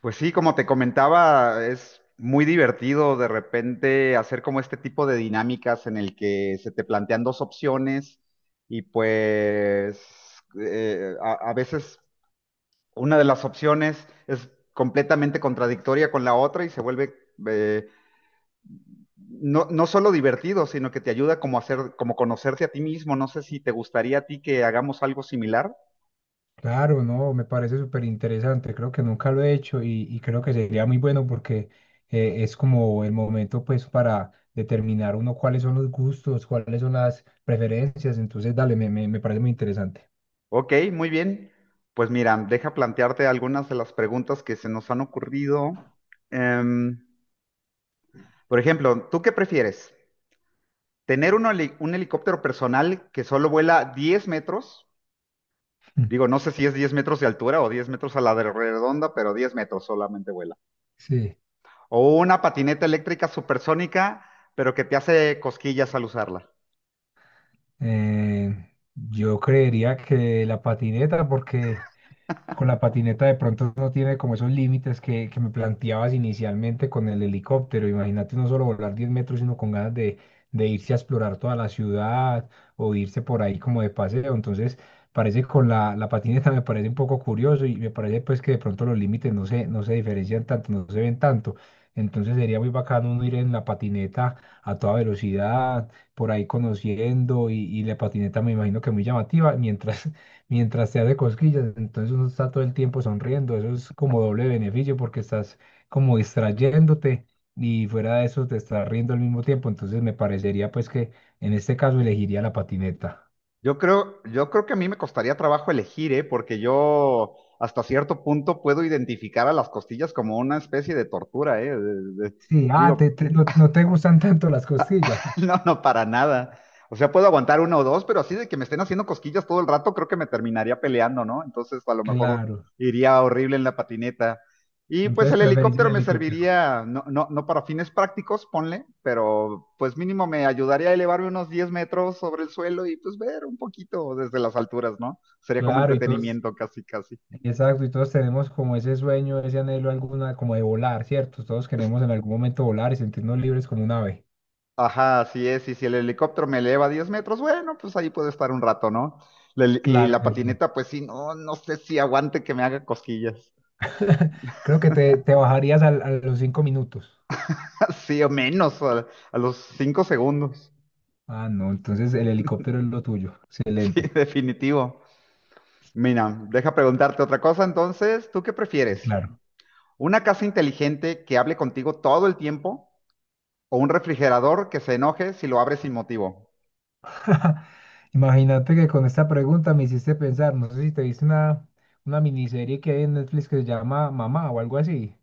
Pues sí, como te comentaba, es muy divertido de repente hacer como este tipo de dinámicas en el que se te plantean dos opciones y pues a veces una de las opciones es completamente contradictoria con la otra y se vuelve eh, no, no solo divertido, sino que te ayuda como a hacer, como conocerte a ti mismo. No sé si te gustaría a ti que hagamos algo similar. Claro, no, me parece súper interesante. Creo que nunca lo he hecho y creo que sería muy bueno porque es como el momento pues para determinar uno cuáles son los gustos, cuáles son las preferencias. Entonces dale, me parece muy interesante. Ok, muy bien. Pues mira, deja plantearte algunas de las preguntas que se nos han ocurrido. Em, por ejemplo, ¿tú qué prefieres? ¿Tener un, un helicóptero personal que solo vuela 10 metros? Digo, no sé si es 10 metros de altura o 10 metros a la de redonda, pero 10 metros solamente vuela. Sí. O una patineta eléctrica supersónica, pero que te hace cosquillas al usarla. Eh, yo creería que la patineta, porque con la patineta de pronto no tiene como esos límites que me planteabas inicialmente con el helicóptero. Imagínate no solo volar 10 metros, sino con ganas de irse a explorar toda la ciudad o irse por ahí como de paseo. Entonces, parece con la patineta me parece un poco curioso y me parece pues que de pronto los límites no se diferencian tanto, no se ven tanto. Entonces sería muy bacano uno ir en la patineta a toda velocidad por ahí conociendo y la patineta me imagino que muy llamativa, mientras, mientras te hace cosquillas. Entonces uno está todo el tiempo sonriendo. Eso es como doble beneficio, porque estás como distrayéndote y fuera de eso te estás riendo al mismo tiempo. Entonces me parecería pues que en este caso elegiría la patineta. Yo creo que a mí me costaría trabajo elegir, ¿eh? Porque yo hasta cierto punto puedo identificar a las costillas como una especie de tortura, ¿eh? Sí, ah, Digo, no, no te gustan tanto las costillas. no, no, para nada. O sea, puedo aguantar uno o dos, pero así de que me estén haciendo cosquillas todo el rato, creo que me terminaría peleando, ¿no? Entonces, a lo mejor Claro, iría horrible en la patineta. Y pues entonces el preferís el helicóptero me helicóptero. serviría, no para fines prácticos, ponle, pero pues mínimo me ayudaría a elevarme unos 10 metros sobre el suelo y pues ver un poquito desde las alturas, ¿no? Sería como Claro, entretenimiento casi, casi. exacto, y todos tenemos como ese sueño, ese anhelo alguna, como de volar, ¿cierto? Todos queremos en algún momento volar y sentirnos libres como un ave. Ajá, así es. Y si el helicóptero me eleva 10 metros, bueno, pues ahí puedo estar un rato, ¿no? La y Claro la que sí. patineta, pues sí, no, no sé si aguante que me haga cosquillas. Creo que te bajarías a los 5 minutos. Sí, o menos, a los 5 segundos. Ah, no, entonces el helicóptero es lo tuyo. Sí, Excelente, definitivo. Mira, deja preguntarte otra cosa entonces. ¿Tú qué prefieres? claro. ¿Una casa inteligente que hable contigo todo el tiempo o un refrigerador que se enoje si lo abres sin motivo? Imagínate que con esta pregunta me hiciste pensar, no sé si te viste una miniserie que hay en Netflix que se llama Mamá o algo así,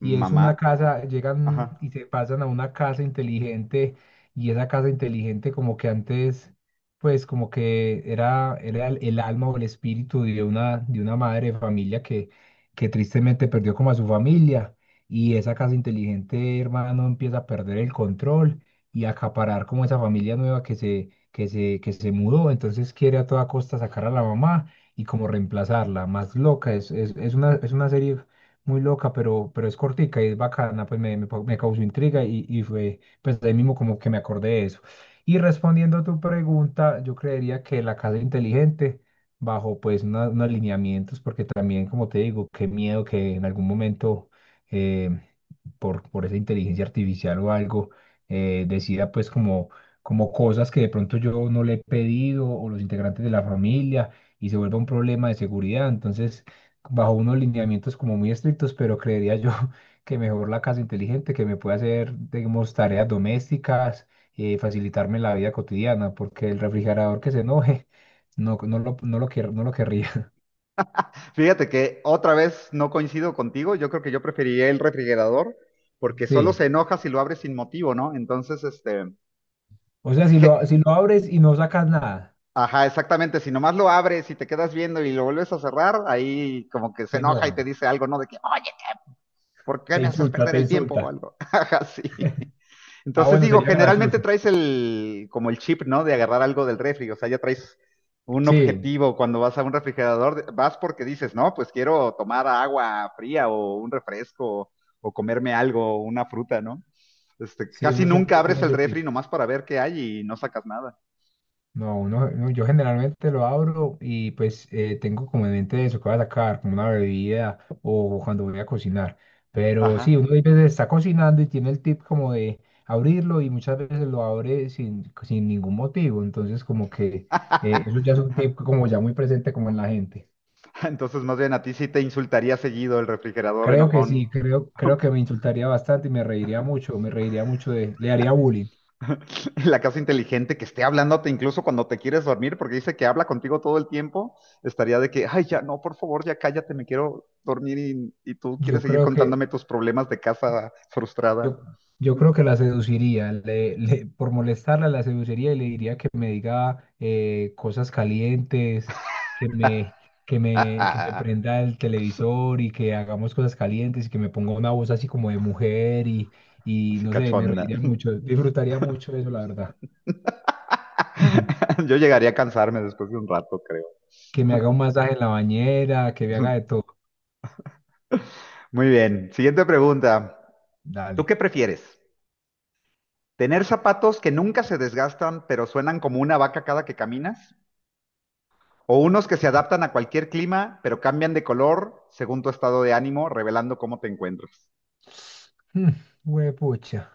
y es Mamá. una casa, llegan y se pasan a una casa inteligente, y esa casa inteligente como que antes, pues como que era el alma o el espíritu de una madre de familia que tristemente perdió como a su familia. Y esa casa inteligente, hermano, empieza a perder el control y a acaparar como esa familia nueva que se mudó. Entonces quiere a toda costa sacar a la mamá y como reemplazarla, más loca. Es una serie muy loca, pero es cortica y es bacana. Pues me causó intriga y fue, pues de ahí mismo como que me acordé de eso. Y respondiendo a tu pregunta, yo creería que la casa inteligente, bajo pues unos lineamientos, porque también, como te digo, qué miedo que en algún momento eh, por esa inteligencia artificial o algo, decida pues como cosas que de pronto yo no le he pedido o los integrantes de la familia, y se vuelva un problema de seguridad. Entonces, bajo unos lineamientos como muy estrictos, pero creería yo que mejor la casa inteligente, que me puede hacer, digamos, tareas domésticas, facilitarme la vida cotidiana, porque el refrigerador que se enoje, no, no lo, no lo querría. Fíjate que otra vez no coincido contigo. Yo creo que yo preferiría el refrigerador porque solo se Sí. enoja si lo abres sin motivo, ¿no? Entonces, este, O sea, si je- lo, si lo abres y no sacas nada, ajá, exactamente. Si nomás lo abres y te quedas viendo y lo vuelves a cerrar, ahí como que se se enoja y te enoja, dice algo, ¿no? De que, oye, ¿por qué te me haces insulta, perder te el tiempo o insulta. algo? Ajá, sí. Ah, Entonces bueno, digo, sería generalmente gracioso. traes el, como el chip, ¿no? De agarrar algo del refri, o sea, ya traes un Sí, objetivo cuando vas a un refrigerador, vas porque dices, no, pues quiero tomar agua fría o un refresco o comerme algo, una fruta, ¿no? Este, sí, casi uno nunca siempre tiene abres el ese refri tipo. nomás para ver qué hay y no sacas nada. No, yo generalmente lo abro, y pues tengo como en mente eso que voy a sacar, como una bebida o cuando voy a cocinar. Pero sí, uno Ajá. a veces está cocinando y tiene el tip como de abrirlo, y muchas veces lo abre sin ningún motivo. Entonces como que eso ya es un tip como ya muy presente como en la gente. Entonces, más bien a ti sí te insultaría seguido el refrigerador Creo que enojón. sí, creo que me insultaría bastante y me reiría mucho de, le haría bullying. La casa inteligente que esté hablándote incluso cuando te quieres dormir, porque dice que habla contigo todo el tiempo, estaría de que, ay, ya no, por favor, ya cállate, me quiero dormir y tú quieres Yo seguir creo contándome que, tus problemas de casa frustrada. Yo, yo creo que la seduciría, por molestarla la seduciría, y le diría que me diga cosas calientes, que me, que me, que me Así prenda el televisor, y que hagamos cosas calientes, y que me ponga una voz así como de mujer, y no sé, me cachonda. reiría mucho, disfrutaría mucho de eso, la verdad. Yo llegaría a cansarme después de un rato, creo. Que me haga un masaje en la bañera, que me haga de todo. Muy bien, siguiente pregunta. ¿Tú Dale. qué prefieres? ¿Tener zapatos que nunca se desgastan pero suenan como una vaca cada que caminas? O unos que se adaptan a cualquier clima, pero cambian de color según tu estado de ánimo, revelando cómo te encuentras. Mm, Huepucha.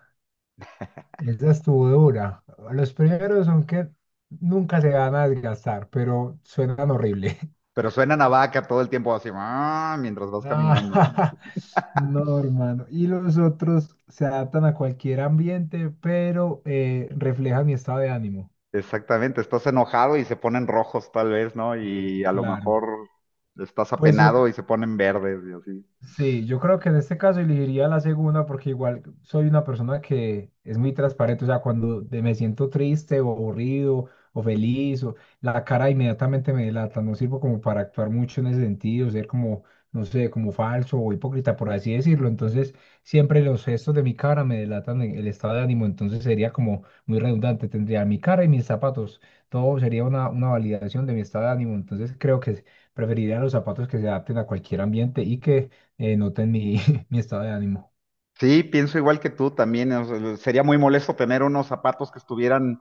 Esa estuvo dura. Los primeros son que nunca se van a desgastar, pero suenan horrible. Pero suenan a vaca todo el tiempo así, "Ah", mientras vas caminando. Ah, no, hermano. Y los otros se adaptan a cualquier ambiente, pero reflejan mi estado de ánimo. Exactamente, estás enojado y se ponen rojos tal vez, ¿no? Sí, Y a lo claro. mejor estás Pues yo apenado y se ponen verdes y así. Sí, yo creo que en este caso elegiría la segunda, porque igual soy una persona que es muy transparente. O sea, cuando me siento triste o aburrido o feliz, la cara inmediatamente me delata. No sirvo como para actuar mucho en ese sentido, ser como, no sé, como falso o hipócrita, por así decirlo. Entonces siempre los gestos de mi cara me delatan el estado de ánimo. Entonces sería como muy redundante, tendría mi cara y mis zapatos, todo sería una validación de mi estado de ánimo. Entonces creo que preferiría los zapatos que se adapten a cualquier ambiente y que noten mi, mi estado de ánimo. Sí, pienso igual que tú también. O sea, sería muy molesto tener unos zapatos que estuvieran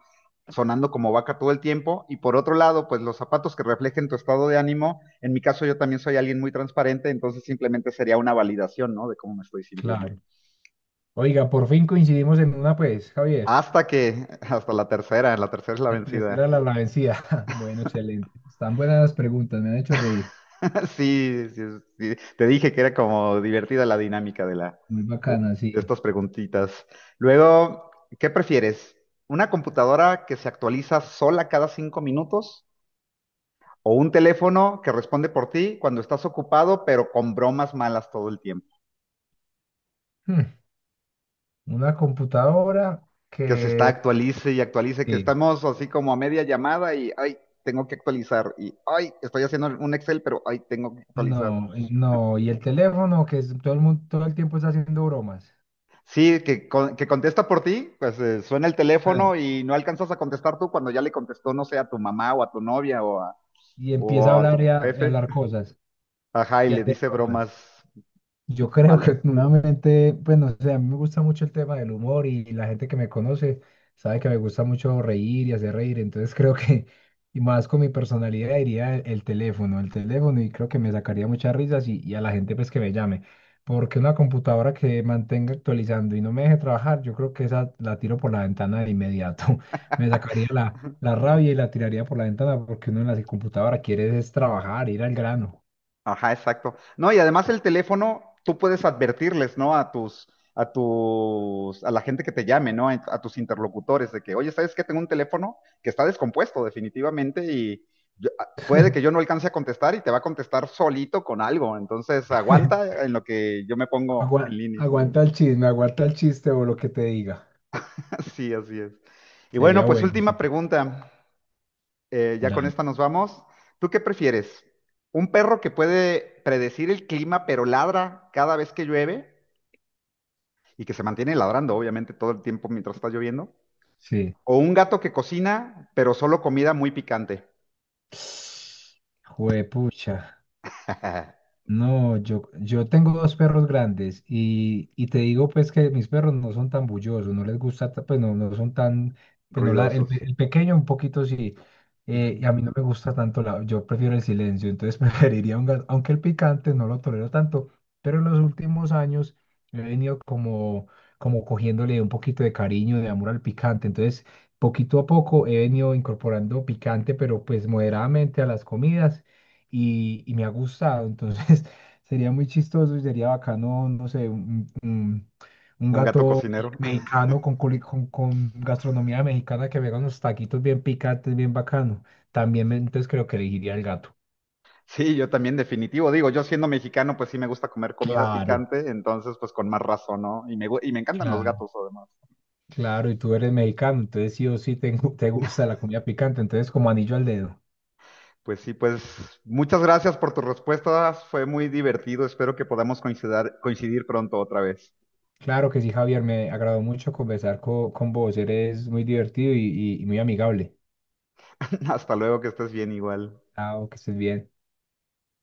sonando como vaca todo el tiempo. Y por otro lado, pues los zapatos que reflejen tu estado de ánimo. En mi caso, yo también soy alguien muy transparente, entonces simplemente sería una validación, ¿no? De cómo me estoy sintiendo. Claro. Oiga, por fin coincidimos en una, pues, Javier. Hasta que, hasta la tercera es la La vencida. tercera la vencida. Bueno, excelente. Están buenas las preguntas, me han hecho reír. Sí, sí, sí. Te dije que era como divertida la dinámica de la Muy de, bacana, de sí. estas preguntitas. Luego, ¿qué prefieres? ¿Una computadora que se actualiza sola cada 5 minutos o un teléfono que responde por ti cuando estás ocupado, pero con bromas malas todo el tiempo? Hmm, Una computadora Que se está que. actualice y actualice, que Sí. estamos así como a media llamada y ay, tengo que actualizar y ay, estoy haciendo un Excel, pero ay, tengo que actualizar. No, no. Y el teléfono que todo el mundo, todo el tiempo está haciendo bromas. Sí, que, que contesta por ti, pues suena el Ah, teléfono y no alcanzas a contestar tú cuando ya le contestó, no sé, a tu mamá o a tu novia y empieza a o a hablar tu y a jefe. hablar cosas Ajá, y y a le hacer dice bromas. bromas Yo creo malas. que nuevamente, pues no sé, a mí me gusta mucho el tema del humor, y la gente que me conoce sabe que me gusta mucho reír y hacer reír. Entonces creo que, y más con mi personalidad, diría el teléfono, el teléfono, y creo que me sacaría muchas risas, y a la gente pues que me llame, porque una computadora que mantenga actualizando y no me deje trabajar, yo creo que esa la tiro por la ventana de inmediato. Me sacaría la rabia y la tiraría por la ventana, porque uno en la computadora quiere es trabajar, ir al grano. Ajá, exacto. No, y además el teléfono, tú puedes advertirles, ¿no? A tus, a la gente que te llame, ¿no? A tus interlocutores de que, oye, ¿sabes qué? Tengo un teléfono que está descompuesto definitivamente y puede que yo no alcance a contestar y te va a contestar solito con algo. Entonces, aguanta en lo que yo me pongo en Agua- línea. aguanta el chisme, aguanta el chiste o lo que te diga. Sí, así es. Y bueno, Sería pues bueno, última sí. pregunta. Ya con Dale. esta nos vamos. ¿Tú qué prefieres? ¿Un perro que puede predecir el clima pero ladra cada vez que llueve? Y que se mantiene ladrando, obviamente, todo el tiempo mientras está lloviendo. Sí. O un gato que cocina, pero solo comida muy picante. Juepucha. No, yo tengo dos perros grandes, y te digo pues que mis perros no son tan bullosos, no les gusta, pues no, no son tan, pues no, Ruidosos. el pequeño un poquito sí, y Ujú. a mí no me gusta tanto, yo prefiero el silencio. Entonces preferiría un gato, aunque el picante no lo tolero tanto, pero en los últimos años he venido como, cogiéndole un poquito de cariño, de amor al picante. Entonces poquito a poco he venido incorporando picante, pero pues moderadamente a las comidas, y me ha gustado. Entonces, sería muy chistoso y sería bacano, no sé, un Un gato gato cocinero. mexicano con gastronomía mexicana, que me haga unos taquitos bien picantes, bien bacano. También, entonces creo que elegiría el gato. Sí, yo también, definitivo. Digo, yo siendo mexicano, pues sí me gusta comer comida Claro, picante, entonces pues con más razón, ¿no? Y me, y me encantan los Claro, gatos además. claro, y tú eres mexicano, entonces sí o sí te gusta la comida picante, entonces como anillo al dedo. Pues sí, pues muchas gracias por tus respuestas. Fue muy divertido. Espero que podamos coincidir pronto otra vez. Claro que sí, Javier, me agradó mucho conversar con vos, eres muy divertido y muy amigable. Hasta luego, que estés bien igual. Chao, que estés bien.